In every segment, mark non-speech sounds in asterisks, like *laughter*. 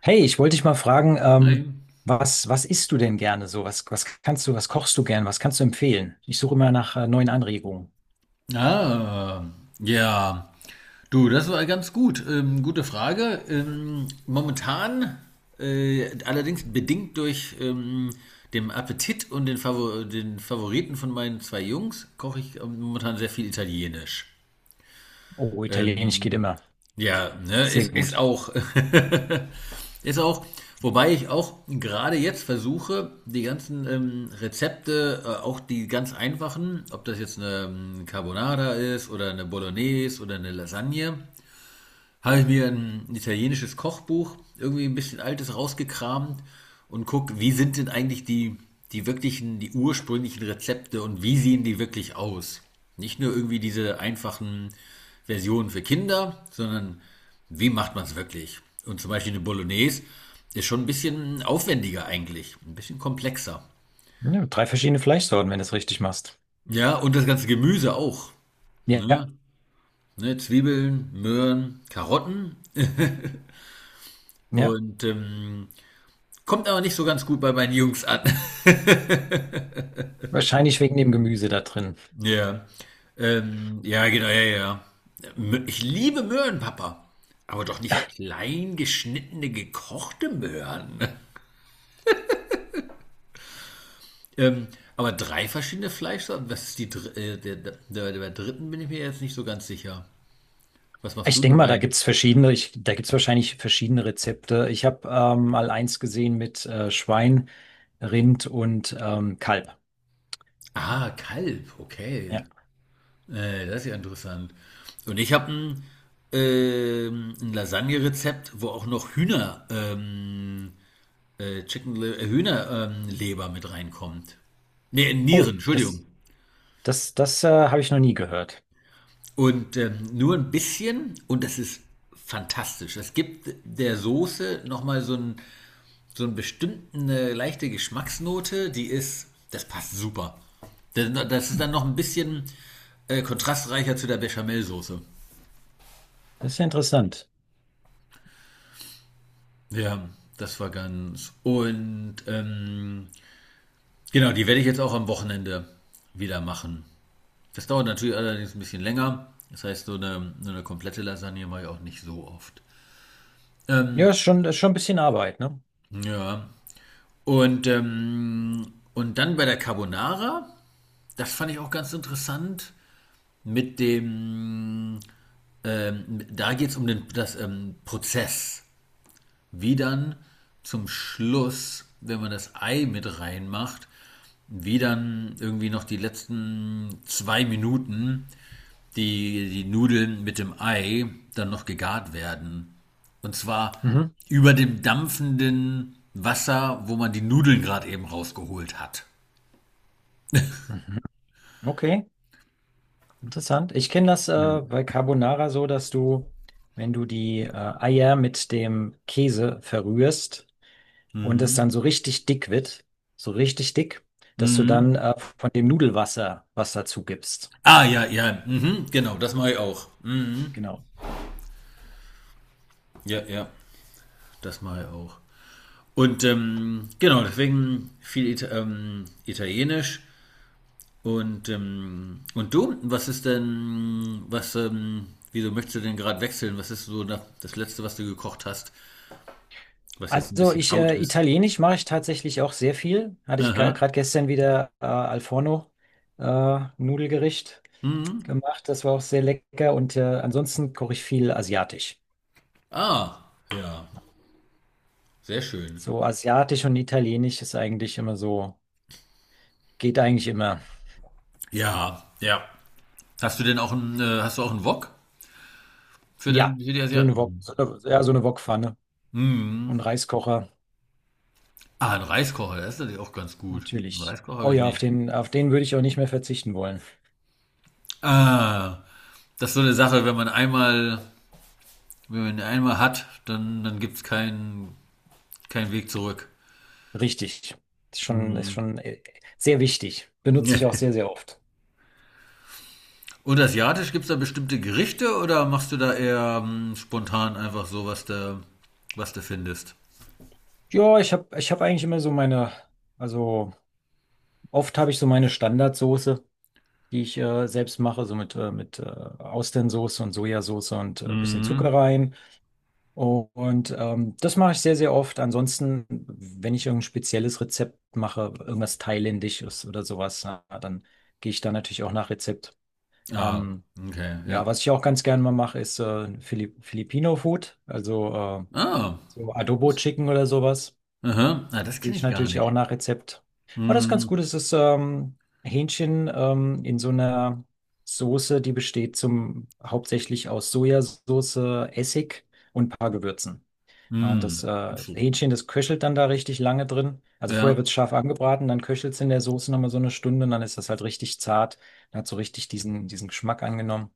Hey, ich wollte dich mal fragen, Nein. was isst du denn gerne so? Was kannst du, was kochst du gern? Was kannst du empfehlen? Ich suche immer nach neuen Anregungen. Ah, ja. Du, das war ganz gut. Gute Frage. Momentan, allerdings bedingt durch den Appetit und den, Favor den Favoriten von meinen zwei Jungs, koche ich momentan sehr viel Italienisch. Oh, Italienisch geht Ähm, immer. ja, ne, Sehr ist gut. auch ist auch, wobei ich auch gerade jetzt versuche, die ganzen Rezepte, auch die ganz einfachen, ob das jetzt eine Carbonara ist oder eine Bolognese oder eine Lasagne, habe ich mir ein italienisches Kochbuch, irgendwie ein bisschen altes, rausgekramt und guck, wie sind denn eigentlich die, die wirklichen, die ursprünglichen Rezepte und wie sehen die wirklich aus? Nicht nur irgendwie diese einfachen Versionen für Kinder, sondern wie macht man es wirklich? Und zum Beispiel eine Bolognese ist schon ein bisschen aufwendiger eigentlich, ein bisschen komplexer. Ja, drei verschiedene Fleischsorten, wenn du es richtig machst. Ja, und das ganze Gemüse auch. Ja, Ne? Ne, Zwiebeln, Möhren, Karotten ja. und kommt aber nicht so ganz gut bei meinen Jungs an. *laughs* Wahrscheinlich wegen dem Gemüse da drin. Ja. Ja, genau, ja, ja. Ich liebe Möhren, Papa. Aber doch nicht klein geschnittene, gekochte Möhren. *laughs* Ähm, aber drei verschiedene Fleischsorten. Was ist die dr der dritten bin ich mir jetzt nicht so ganz sicher. Was machst Ich du denn denke mal, rein? Da gibt's wahrscheinlich verschiedene Rezepte. Ich habe mal eins gesehen mit Schwein, Rind und Kalb. Ah, Kalb, okay. Ja. Das ist ja interessant. Und ich habe ein, ein Lasagne-Rezept, wo auch noch Hühnerleber mit reinkommt. Nee, Nieren, Oh, Entschuldigung. Das habe ich noch nie gehört. Und nur ein bisschen und das ist fantastisch. Es gibt der Soße nochmal so einen bestimmten eine leichte Geschmacksnote, die ist, das passt super. Das ist dann noch ein bisschen kontrastreicher zu der Bechamelsoße. Das ist ja interessant. Ja, das war ganz. Und genau, die werde ich jetzt auch am Wochenende wieder machen. Das dauert natürlich allerdings ein bisschen länger. Das heißt, so eine komplette Lasagne mache ich auch nicht so oft. Ja, Ähm, ist schon ein bisschen Arbeit, ne? ja. Und dann bei der Carbonara, das fand ich auch ganz interessant, mit dem, da geht es um den, das Prozess. Wie dann zum Schluss, wenn man das Ei mit reinmacht, wie dann irgendwie noch die letzten zwei Minuten die, die Nudeln mit dem Ei dann noch gegart werden. Und zwar Mhm. über dem dampfenden Wasser, wo man die Nudeln gerade eben rausgeholt hat. Mhm. Okay, interessant. Ich kenne das Mhm. bei Carbonara so, dass du, wenn du die Eier mit dem Käse verrührst und es dann Mhm. so richtig dick wird, so richtig dick, dass du dann Mhm. Von dem Nudelwasser was dazu gibst. Ah, ja, ja, mhm, genau, das mache ich auch. Mhm. Genau. Ja, ja, das mache ich auch. Und genau, deswegen viel Italienisch. Und du, was ist denn, was, wieso möchtest du denn gerade wechseln? Was ist so das Letzte, was du gekocht hast, was jetzt ein Also bisschen out ist? Italienisch mache ich tatsächlich auch sehr viel. Hatte ich Aha. gerade gestern wieder Al Forno Nudelgericht Mhm. gemacht. Das war auch sehr lecker. Und ansonsten koche ich viel asiatisch. Ah, ja, sehr schön. So asiatisch und italienisch ist eigentlich immer so, geht eigentlich immer. Ja, ja. Hast du denn auch einen, hast du auch einen Wok für Ja, den, für die so eine Wok, Asiaten? so eine, ja, so eine Wokpfanne und Mhm. Reiskocher, Ah, ein Reiskocher, das ist natürlich auch ganz gut. Einen natürlich. Reiskocher habe Oh ich ja, nicht. Auf den würde ich auch nicht mehr verzichten wollen. Ah, das ist so eine Sache, wenn man einmal, wenn man einmal hat, dann, dann gibt's keinen keinen Weg zurück. Richtig. Ist Hm. schon Sehr wichtig. Benutze Ja. ich *laughs* auch sehr, sehr oft. Und asiatisch gibt's da bestimmte Gerichte oder machst du da eher spontan einfach so, was du findest? Ja, ich hab eigentlich immer so meine, also oft habe ich so meine Standardsoße, die ich selbst mache, so mit Austernsoße und Sojasauce und bisschen Zucker Mhm. rein. Und das mache ich sehr, sehr oft. Ansonsten, wenn ich irgendein spezielles Rezept mache, irgendwas Thailändisches oder sowas, na, dann gehe ich da natürlich auch nach Rezept. Ah, Ähm, okay, ja. ja, was ich auch ganz gerne mal mache, ist Filipino Food, also Ah, so Adobo Chicken oder sowas. aha. Ah, das kenne Ich ich gar natürlich auch nicht. nach Rezept. Aber das ist ganz Mhm. gut. Es ist Hähnchen in so einer Soße, die besteht hauptsächlich aus Sojasauce, Essig und ein paar Gewürzen. Ja, und das Mhm. So. Hähnchen, das köchelt dann da richtig lange drin. Also vorher Ja. wird es scharf angebraten, dann köchelt es in der Soße nochmal so eine Stunde und dann ist das halt richtig zart. Dann hat so richtig diesen, diesen Geschmack angenommen.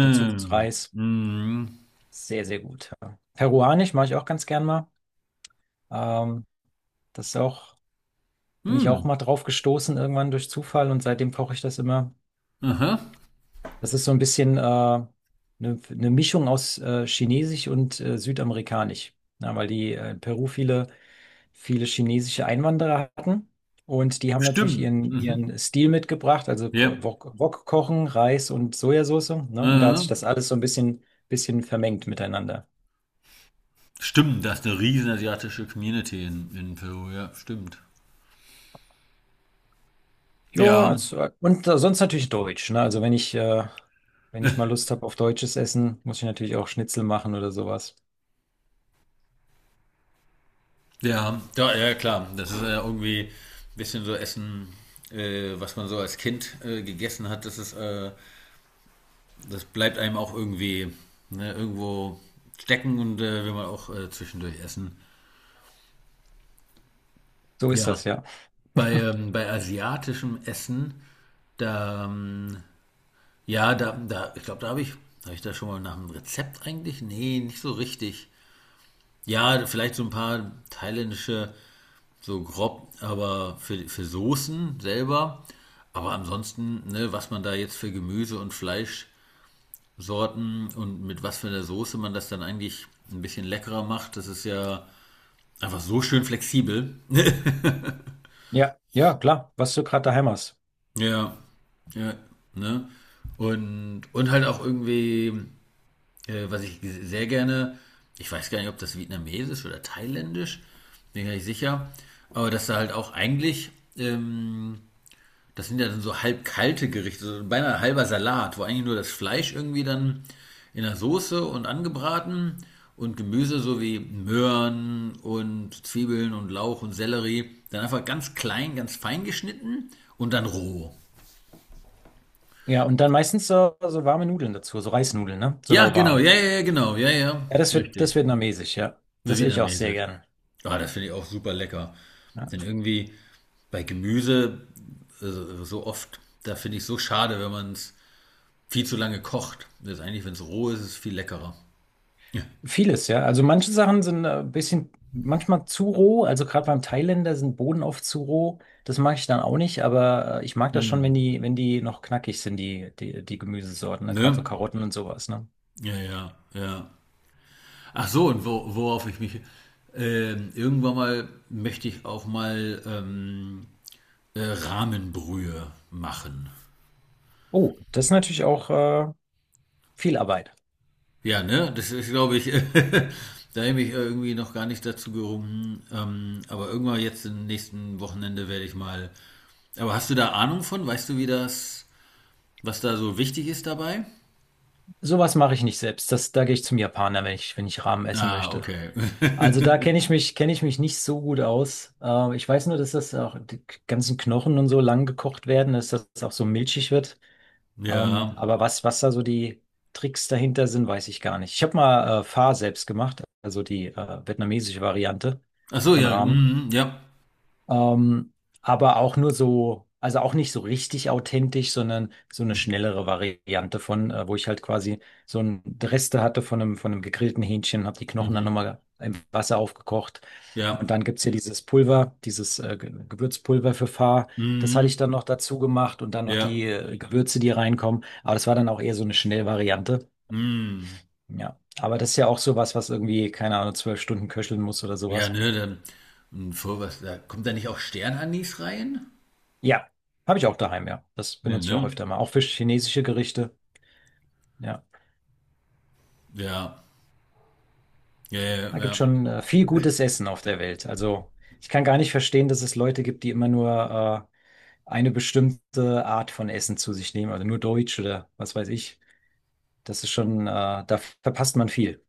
Dazu gibt es Reis. Mhm. Sehr, sehr gut. Ja. Peruanisch mache ich auch ganz gern mal. Ähm, das ist auch. Bin ich auch Mhm. mal drauf gestoßen, irgendwann durch Zufall und seitdem koche ich das immer. Aha. Das ist so ein bisschen eine Mischung aus Chinesisch und Südamerikanisch. Na, weil die in Peru viele, viele chinesische Einwanderer hatten. Und die haben natürlich Stimmt. ihren, Mhm. ihren Stil mitgebracht, also Ja. Wok, Wok kochen, Reis und Sojasauce. Ne? Und da hat Äh, sich das alles so ein bisschen vermengt miteinander. stimmt, das ist eine riesen asiatische Community in Peru, ja, stimmt. Ja, Ja, z- und sonst natürlich Deutsch, ne? Also wenn ich mal Lust habe auf deutsches Essen, muss ich natürlich auch Schnitzel machen oder sowas. ja, ja, ja, klar. Das ist ja irgendwie ein bisschen so Essen, was man so als Kind gegessen hat, das ist, das bleibt einem auch irgendwie ne, irgendwo stecken und will man auch zwischendurch essen. So ist Ja, das, ja. bei, *laughs* bei asiatischem Essen, da, ja, da, da, ich glaube, da habe ich da schon mal nach einem Rezept eigentlich? Nee, nicht so richtig. Ja, vielleicht so ein paar thailändische, so grob, aber für Soßen selber. Aber ansonsten, ne, was man da jetzt für Gemüse und Fleischsorten und mit was für einer Soße man das dann eigentlich ein bisschen leckerer macht, das ist ja einfach so schön flexibel. *laughs* Ja, ja, klar, was du gerade daheim hast. Ja, ja, ne? Und halt auch irgendwie, was ich sehr gerne, ich weiß gar nicht, ob das vietnamesisch oder thailändisch, bin gar nicht sicher, aber dass da halt auch eigentlich ähm, das sind ja dann so halb kalte Gerichte, so beinahe halber Salat, wo eigentlich nur das Fleisch irgendwie dann in der Soße und angebraten und Gemüse so wie Möhren und Zwiebeln und Lauch und Sellerie dann einfach ganz klein, ganz fein geschnitten und dann roh. Ja, und dann meistens so, so warme Nudeln dazu, so Reisnudeln, ne? So Ja, genau, lauwarm. ja, ja, ja, genau, ja, ja, Ja, das richtig. vietnamesisch, ja. So Das esse ich auch sehr vietnamesisch. gern. Ah, das finde ich auch super lecker. Ja. Denn irgendwie bei Gemüse so oft, da finde ich so schade, wenn man es viel zu lange kocht. Letztendlich, wenn es roh ist, ist es viel leckerer. Ja. Vieles, ja. Also manche Sachen sind ein bisschen, manchmal zu roh. Also gerade beim Thailänder sind Bohnen oft zu roh. Das mag ich dann auch nicht, aber ich mag das schon, Hm. wenn die, wenn die noch knackig sind, die Gemüsesorten, ne? Gerade so Ne? Karotten und sowas, ne? Ja, ja, ja. Ach so, und wo, worauf ich mich. Irgendwann mal möchte ich auch mal Rahmenbrühe machen. Oh, das ist natürlich auch viel Arbeit. Ja, ne? Das ist, glaube ich, *laughs* da habe ich mich irgendwie noch gar nicht dazu gerungen. Aber irgendwann jetzt im nächsten Wochenende werde ich mal. Aber hast du da Ahnung von? Weißt du, wie das, was da so wichtig ist dabei? Sowas mache ich nicht selbst. Da gehe ich zum Japaner, wenn ich, wenn ich Ramen essen Ah, möchte. okay. Also da kenne ich mich nicht so gut aus. Ich weiß nur, dass das auch die ganzen Knochen und so lang gekocht werden, dass das auch so milchig wird. *laughs* Ja. Was da so die Tricks dahinter sind, weiß ich gar nicht. Ich habe mal Pho selbst gemacht, also die vietnamesische Variante Ach so, von ja, Ramen. mhm, ja. Ähm, aber auch nur so, also auch nicht so richtig authentisch, sondern so eine schnellere Variante von, wo ich halt quasi so ein Reste hatte von einem gegrillten Hähnchen, habe die Knochen dann Mhm, nochmal im Wasser aufgekocht. Und ja. dann gibt's hier dieses Pulver, dieses Gewürzpulver für Pfarr. Das hatte ich Mhm, dann noch dazu gemacht und dann noch ja. die Gewürze, die reinkommen. Aber das war dann auch eher so eine Schnellvariante. Mhm. Ja, aber das ist ja auch sowas, was irgendwie, keine Ahnung, 12 Stunden köcheln muss oder Ja, sowas. ne, dann und vor was da kommt da nicht auch Sternanis rein? Ja, habe ich auch daheim, ja. Das Ne, benutze ich auch ne? öfter mal. Auch für chinesische Gerichte. Ja, Ja. Ja, ja, da gibt ja. schon viel gutes Essen auf der Welt. Also ich kann gar nicht verstehen, dass es Leute gibt, die immer nur eine bestimmte Art von Essen zu sich nehmen, also nur Deutsch oder was weiß ich. Das ist schon, da verpasst man viel.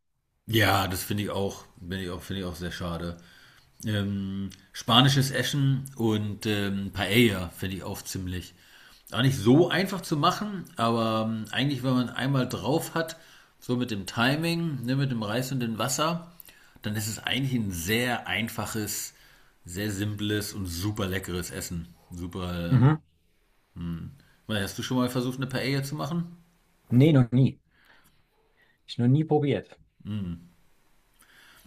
Ja, das finde ich auch, finde ich auch, finde ich auch sehr schade. Spanisches Essen und Paella finde ich auch ziemlich. Auch nicht so einfach zu machen, aber eigentlich, wenn man einmal drauf hat, so mit dem Timing, ne, mit dem Reis und dem Wasser, dann ist es eigentlich ein sehr einfaches, sehr simples und super leckeres Essen. Super. Mhm. Hast du schon mal versucht, eine Paella zu machen? Nee, noch nie. Ich noch nie probiert. Hm.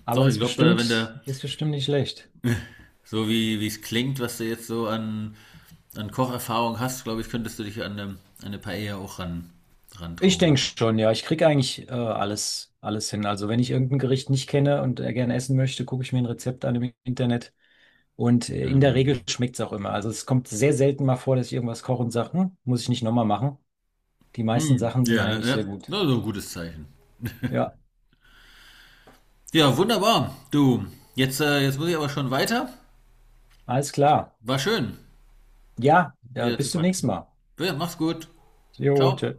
Aber Doch, ich ist glaube, wenn bestimmt, der ist bestimmt nicht schlecht. so wie es klingt, was du jetzt so an, an Kocherfahrung hast, glaube ich, könntest du dich an eine Paella auch ran, Ich denke rantrauen. schon, ja. Ich kriege eigentlich alles, alles hin. Also wenn ich irgendein Gericht nicht kenne und gerne essen möchte, gucke ich mir ein Rezept an im Internet. Und Und in der Regel dann. schmeckt es auch immer. Also es kommt sehr selten mal vor, dass ich irgendwas koche und sage, hm, muss ich nicht nochmal machen. Die meisten Hm, Sachen sind ja, eigentlich ja, sehr gut. das ist ein gutes Zeichen. Ja, Ja, wunderbar. Du, jetzt, jetzt muss ich aber schon weiter. alles klar. War schön, Ja, wieder zu bis zum nächsten quatschen. Mal. Ja, mach's gut. Jo, Ciao. tschö.